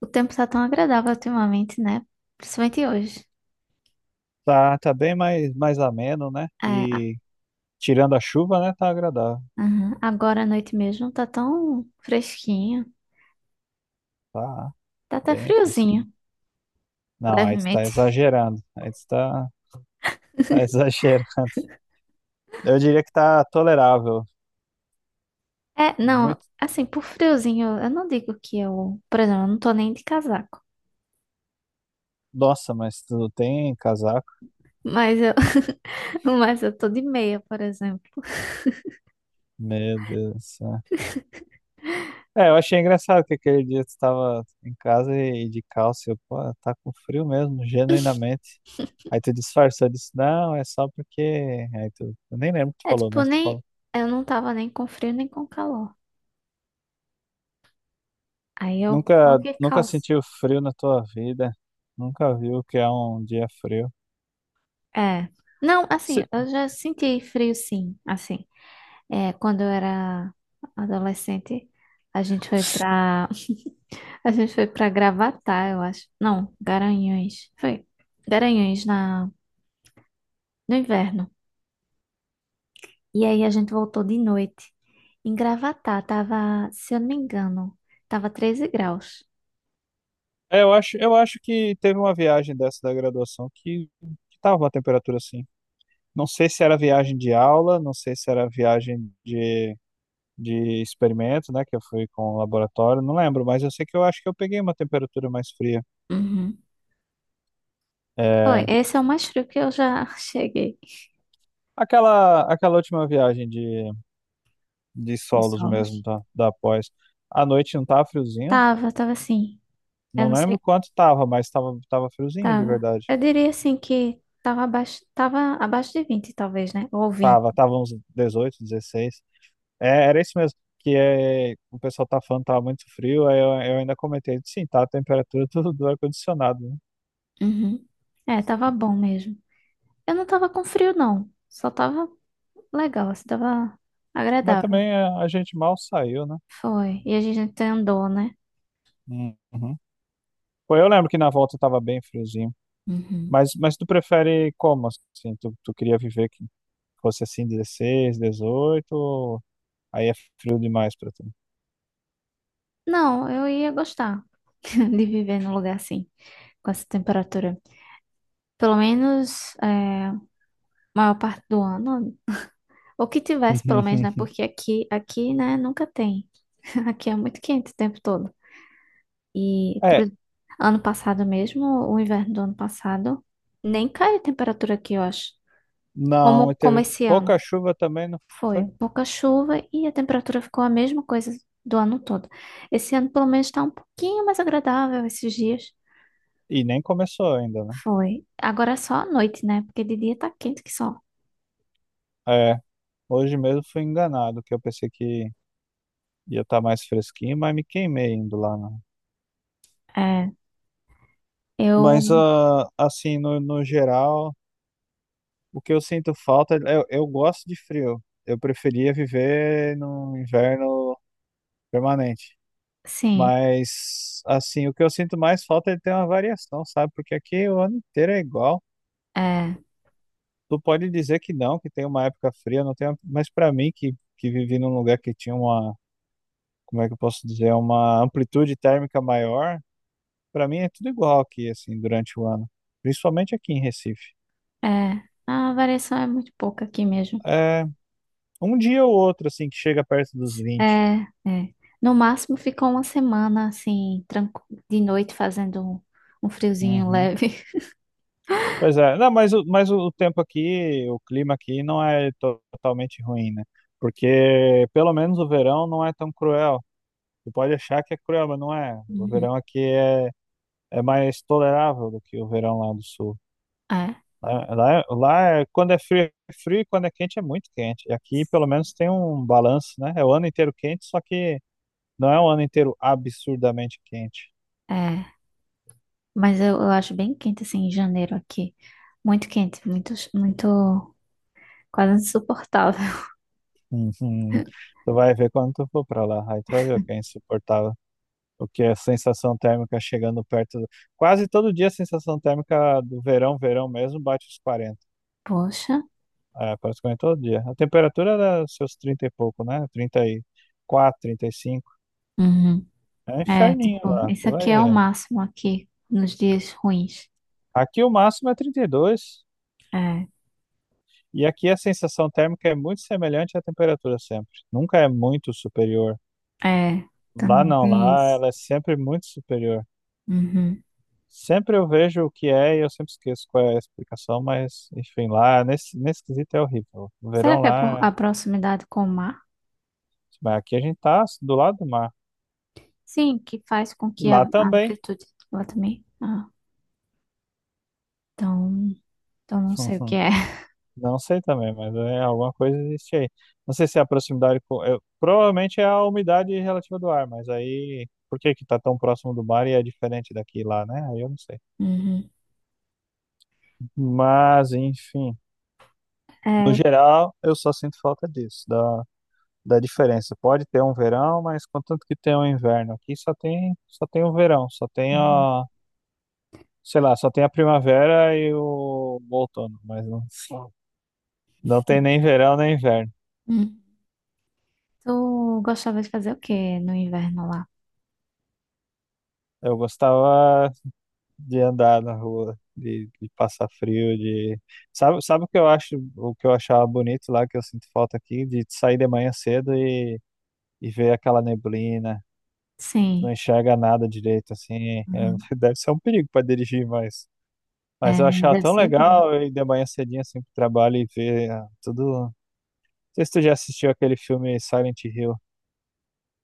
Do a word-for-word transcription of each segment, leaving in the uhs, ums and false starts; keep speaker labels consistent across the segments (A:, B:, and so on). A: O tempo tá tão agradável ultimamente, né? Principalmente hoje.
B: Tá, tá bem mais, mais ameno, né?
A: É, a-
B: E tirando a chuva, né? Tá agradável.
A: aham. Agora à noite mesmo tá tão fresquinho.
B: Tá
A: Tá até
B: bem fresquinho.
A: friozinho,
B: Não, aí tu tá
A: levemente.
B: exagerando. Aí tu tá, tá exagerando. Eu diria que tá tolerável.
A: É, não,
B: Muito.
A: assim, por friozinho, eu não digo que eu, por exemplo, eu não tô nem de casaco.
B: Nossa, mas tu não tem casaco?
A: Mas eu, mas eu tô de meia, por exemplo.
B: Meu Deus do céu. É, eu achei engraçado que aquele dia tu tava em casa e, e de calça. Eu, pô, tá com frio mesmo, genuinamente. Aí tu disfarçou, eu disse, não, é só porque. Aí tu, eu nem lembro o que tu
A: É
B: falou,
A: tipo,
B: mas tu
A: nem,
B: falou.
A: eu não tava nem com frio nem com calor. Aí eu
B: Nunca,
A: coloquei
B: nunca
A: calça.
B: sentiu frio na tua vida? Nunca viu o que é um dia frio?
A: É. Não, assim,
B: Se-
A: eu já senti frio sim, assim. É, quando eu era adolescente, a gente foi pra a gente foi para Gravatá, eu acho. Não, Garanhuns. Foi Garanhuns na no inverno. E aí a gente voltou de noite. Em Gravatá tava, se eu não me engano, tava treze graus.
B: É, eu acho, eu acho que teve uma viagem dessa da graduação que, que tava uma temperatura assim. Não sei se era viagem de aula, não sei se era viagem de, de experimento, né? Que eu fui com o laboratório, não lembro, mas eu sei que eu acho que eu peguei uma temperatura mais fria.
A: Uhum. Foi,
B: É,
A: esse é o mais frio que eu já cheguei
B: aquela, aquela última viagem de, de
A: de
B: solos mesmo
A: solos.
B: da, da pós. À noite não tava friozinho?
A: Tava, tava assim. Eu
B: Não
A: não
B: lembro
A: sei,
B: quanto tava, mas tava, tava friozinho de
A: tava.
B: verdade.
A: Eu diria assim que tava abaixo, tava abaixo de vinte talvez, né? Ou vinte.
B: Tava, tava uns dezoito, dezesseis. É, era isso mesmo, que é, o pessoal tá falando que tava muito frio, aí eu, eu ainda comentei, sim, tá a temperatura do, do ar-condicionado, né?
A: Uhum. É, tava bom mesmo. Eu não tava com frio, não. Só tava legal, assim, tava
B: Mas
A: agradável.
B: também é, a gente mal saiu, né?
A: Foi. E a gente andou, né?
B: Uhum. Pô, eu lembro que na volta tava bem friozinho.
A: Uhum.
B: Mas, mas tu prefere como, assim? Tu, tu queria viver que fosse assim dezesseis, dezoito? Ou aí é frio demais pra tu?
A: Não, eu ia gostar de viver num lugar assim, com essa temperatura. Pelo menos, é, maior parte do ano. Ou que tivesse, pelo menos, né? Porque aqui, aqui, né, nunca tem. Aqui é muito quente o tempo todo. E
B: É,
A: pro ano passado mesmo, o inverno do ano passado, nem cai a temperatura aqui, eu acho.
B: não, e
A: Como, como
B: teve
A: esse
B: pouca
A: ano.
B: chuva também, não
A: Foi
B: foi?
A: pouca chuva e a temperatura ficou a mesma coisa do ano todo. Esse ano, pelo menos, está um pouquinho mais agradável esses dias.
B: E nem começou ainda, né?
A: Foi. Agora é só à noite, né? Porque de dia tá quente que só.
B: É, hoje mesmo fui enganado, que eu pensei que ia estar mais fresquinho, mas me queimei indo lá, né?
A: É,
B: Mas,
A: eu,
B: ah, assim, no, no geral, o que eu sinto falta, é, eu, eu gosto de frio. Eu preferia viver num inverno permanente.
A: sim,
B: Mas, assim, o que eu sinto mais falta é de ter uma variação, sabe? Porque aqui o ano inteiro é igual.
A: é,
B: Tu pode dizer que não, que tem uma época fria, não tem, uma- mas para mim, que, que vivi num lugar que tinha uma como é que eu posso dizer, é uma amplitude térmica maior, para mim é tudo igual aqui, assim, durante o ano, principalmente aqui em Recife.
A: é. A variação é muito pouca aqui mesmo.
B: É, um dia ou outro, assim, que chega perto dos vinte.
A: É, é. No máximo ficou uma semana assim, tranqu... de noite fazendo um, um friozinho
B: Uhum.
A: leve.
B: Pois é, não, mas, o- mas o o tempo aqui, o clima aqui não é to- totalmente ruim, né? Porque pelo menos o verão não é tão cruel. Você pode achar que é cruel, mas não é. O
A: Uhum.
B: verão aqui é, é mais tolerável do que o verão lá do sul.
A: É,
B: Lá, lá, é, lá é- quando é frio, é frio, e quando é quente, é muito quente. E aqui, pelo menos, tem um balanço, né? É o ano inteiro quente, só que não é o ano inteiro absurdamente quente.
A: é. Mas eu, eu acho bem quente, assim, em janeiro aqui. Muito quente, muito, muito, quase insuportável.
B: Uhum. Tu vai ver quando tu for pra lá. Aí tu vai ver o que é insuportável. O que é a sensação térmica chegando perto do- Quase todo dia a sensação térmica do verão, verão mesmo, bate os quarenta.
A: Poxa.
B: É, praticamente todo dia. A temperatura era seus trinta e pouco, né? trinta e quatro, trinta e cinco.
A: Uhum.
B: É um
A: É,
B: inferninho
A: tipo,
B: lá.
A: isso
B: Tu
A: aqui
B: vai
A: é o
B: ver.
A: máximo aqui nos dias ruins.
B: Aqui o máximo é trinta e dois, e dois.
A: É,
B: E aqui a sensação térmica é muito semelhante à temperatura sempre. Nunca é muito superior.
A: é,
B: Lá
A: também
B: não,
A: tem
B: lá
A: isso.
B: ela é sempre muito superior.
A: Uhum.
B: Sempre eu vejo o que é e eu sempre esqueço qual é a explicação, mas enfim, lá nesse, nesse quesito é horrível. O
A: Será
B: verão
A: que é por
B: lá
A: a
B: é-
A: proximidade com o mar?
B: mas aqui a gente tá do lado do mar.
A: Sim, que faz com
B: E
A: que a,
B: lá
A: a
B: também.
A: amplitude lá também. Ah, então, então não sei o que é.
B: Não sei também, mas é alguma coisa existe aí. Não sei se é a proximidade com. Eu- provavelmente é a umidade relativa do ar, mas aí por que que tá tão próximo do mar e é diferente daqui e lá, né? Aí eu não sei.
A: Uhum.
B: Mas, enfim, no
A: É,
B: geral, eu só sinto falta disso, da, da diferença. Pode ter um verão, mas contanto que tenha um inverno. Aqui só tem, só tem o verão, só tem
A: uhum.
B: a, sei lá, só tem a primavera e o, o outono, mas não, não tem nem verão nem inverno.
A: Hum. Tu gostava de fazer o que no inverno lá?
B: Eu gostava de andar na rua, de, de passar frio, de sabe, sabe o que eu acho, o que eu achava bonito lá que eu sinto falta aqui, de sair de manhã cedo e, e ver aquela neblina, não
A: Sim.
B: enxerga nada direito assim. É, deve ser um perigo para dirigir, mas mas eu
A: É,
B: achava
A: deve
B: tão
A: ser ruim.
B: legal ir de manhã cedinho assim pro trabalho e ver ah, tudo. Não sei se tu já assistiu aquele filme Silent Hill.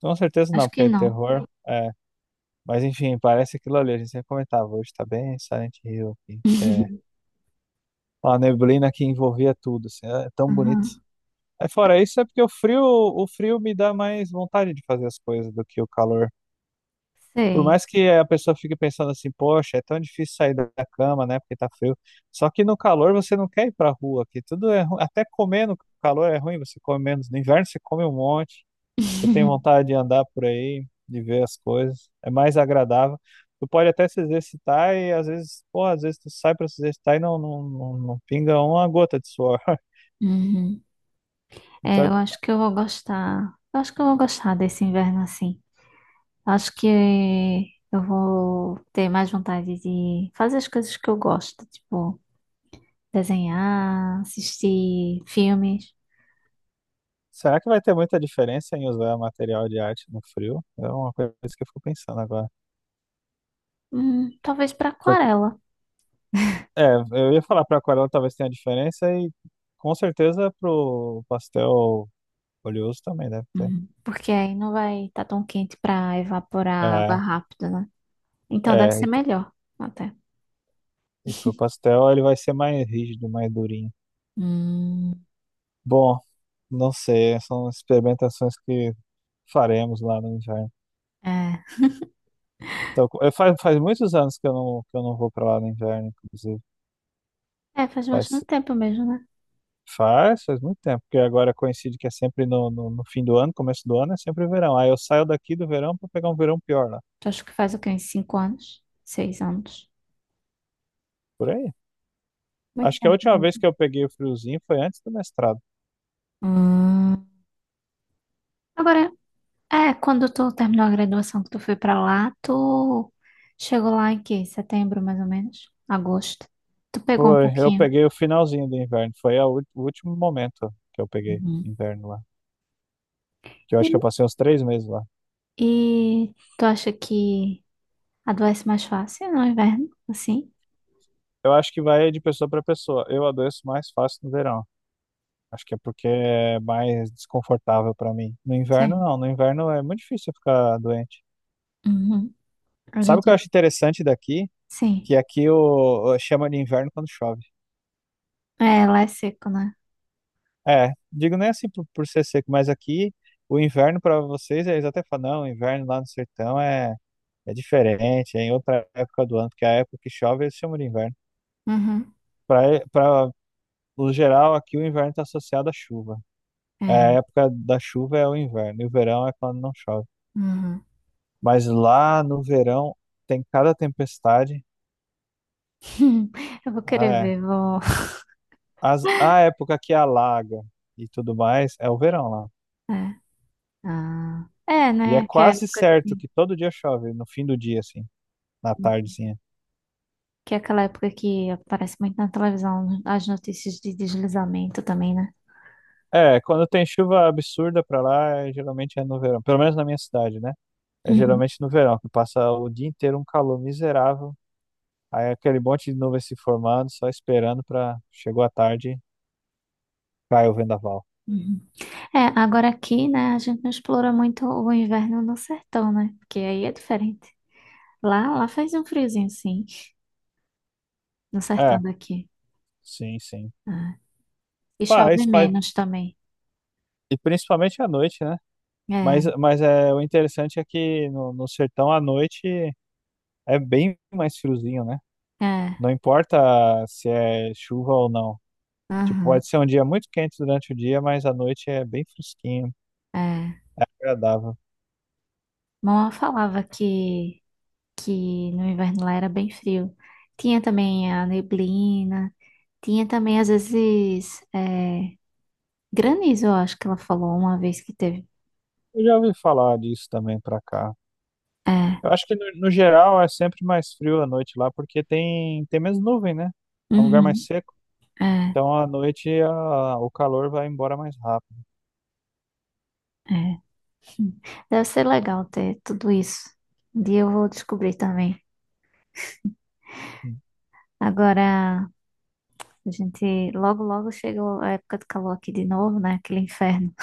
B: Com certeza não,
A: Acho
B: porque
A: que
B: é
A: não.
B: terror. É, mas enfim, parece aquilo ali. A gente sempre comentava, hoje tá bem Silent Hill, aqui, que é a neblina que envolvia tudo, assim, é é tão bonito.
A: Uhum.
B: Aí fora isso é porque o frio, o frio me dá mais vontade de fazer as coisas do que o calor. Por
A: Sei.
B: mais que a pessoa fique pensando assim, poxa, é tão difícil sair da da cama, né, porque tá frio. Só que no calor você não quer ir pra rua, que tudo é ruim. Até comer no calor é ruim, você come menos. No inverno você come um monte, você tem vontade de andar por aí, de ver as coisas. É mais agradável. Tu pode até se exercitar e às vezes, pô, às vezes tu sai pra se exercitar e não, não, não, não pinga uma gota de suor.
A: Uhum. É,
B: Então,
A: eu acho que eu vou gostar. Eu acho que eu vou gostar desse inverno assim. Acho que eu vou ter mais vontade de fazer as coisas que eu gosto, tipo desenhar, assistir filmes.
B: será que vai ter muita diferença em usar material de arte no frio? É uma coisa que eu fico pensando agora.
A: Hum, talvez para
B: Foi-
A: aquarela.
B: é, eu ia falar para aquarela talvez tenha diferença e com certeza pro pastel oleoso também deve ter.
A: Hum, porque aí não vai estar tão quente para evaporar água
B: É,
A: rápido, né? Então deve
B: é,
A: ser
B: e, t-
A: melhor até.
B: e pro pastel ele vai ser mais rígido, mais durinho.
A: Hum,
B: Bom, não sei, são experimentações que faremos lá no inverno.
A: é.
B: Então, co- eu, faz, faz muitos anos que eu não, que eu não vou para lá no inverno, inclusive.
A: É, faz
B: Faz,
A: bastante tempo mesmo, né?
B: Faz, faz muito tempo, porque agora coincide que é sempre no, no, no fim do ano, começo do ano, é sempre verão. Aí eu saio daqui do verão para pegar um verão pior lá,
A: Acho que faz o quê? Uns 5 anos? Seis anos?
B: por aí.
A: Muito
B: Acho que a
A: tempo
B: última vez
A: mesmo.
B: que eu peguei o friozinho foi antes do mestrado.
A: Hum. Agora, é, quando tu terminou a graduação que tu foi pra lá, tu chegou lá em que? Setembro, mais ou menos? Agosto? Tu pegou um
B: Foi, eu
A: pouquinho.
B: peguei o finalzinho do inverno, foi a ú- o último momento que eu peguei
A: Uhum.
B: inverno lá. Que eu acho que eu passei uns três meses lá.
A: E, e tu acha que adoece mais fácil no inverno? Assim?
B: Eu acho que vai de pessoa para pessoa. Eu adoeço mais fácil no verão. Acho que é porque é mais desconfortável para mim. No inverno,
A: Sim.
B: não. No inverno é muito difícil eu ficar doente.
A: Uhum. A
B: Sabe o
A: gente
B: que eu
A: vai...
B: acho interessante daqui? Que
A: Sim.
B: aqui o, o- chama de inverno quando chove.
A: É, lá é seco, né?
B: É, digo nem assim por, por ser seco, mas aqui o inverno para vocês, é, eles até falam, não, o inverno lá no sertão é, é diferente, é em outra época do ano, porque a época que chove eles chamam de inverno.
A: Uhum.
B: Para o geral, aqui o inverno está associado à chuva. É, a
A: É.
B: época da chuva é o inverno, e o verão é quando não chove.
A: Uhum.
B: Mas lá no verão tem cada tempestade.
A: Eu vou querer
B: É,
A: ver, vou...
B: as, a época que alaga e tudo mais é o verão lá.
A: É. Ah. É,
B: E é
A: né? Que é a
B: quase
A: época que
B: certo
A: tem.
B: que todo dia chove, no fim do dia, assim, na tardezinha.
A: Que é aquela época que aparece muito na televisão as notícias de deslizamento também, né?
B: É, quando tem chuva absurda pra lá, é- geralmente é no verão. Pelo menos na minha cidade, né? É
A: Uhum,
B: geralmente no verão, que passa o dia inteiro um calor miserável. Aí é aquele monte de nuvem se formando, só esperando pra... Chegou a tarde, cai o vendaval.
A: uhum. É, agora aqui, né, a gente não explora muito o inverno no sertão, né? Porque aí é diferente. Lá, lá faz um friozinho, sim, no sertão
B: É,
A: daqui.
B: sim, sim.
A: É. E chove
B: Faz, faz.
A: menos também.
B: E principalmente à noite, né?
A: É,
B: Mas, mas é, o interessante é que no, no sertão à noite é bem mais friozinho, né?
A: é,
B: Não importa se é chuva ou não. Tipo,
A: aham,
B: pode ser um dia muito quente durante o dia, mas à noite é bem fresquinho,
A: é.
B: agradável.
A: Mamãe falava que que no inverno lá era bem frio. Tinha também a neblina, tinha também às vezes é, granizo, eu acho que ela falou uma vez que teve.
B: Eu já ouvi falar disso também pra cá.
A: É,
B: Eu acho que no, no geral é sempre mais frio à noite lá, porque tem, tem menos nuvem, né? É um lugar mais
A: uhum,
B: seco.
A: é,
B: Então à noite a- o calor vai embora mais rápido.
A: é. Deve ser legal ter tudo isso. Um dia eu vou descobrir também. Agora, a gente logo, logo chegou a época do calor aqui de novo, né? Aquele inferno.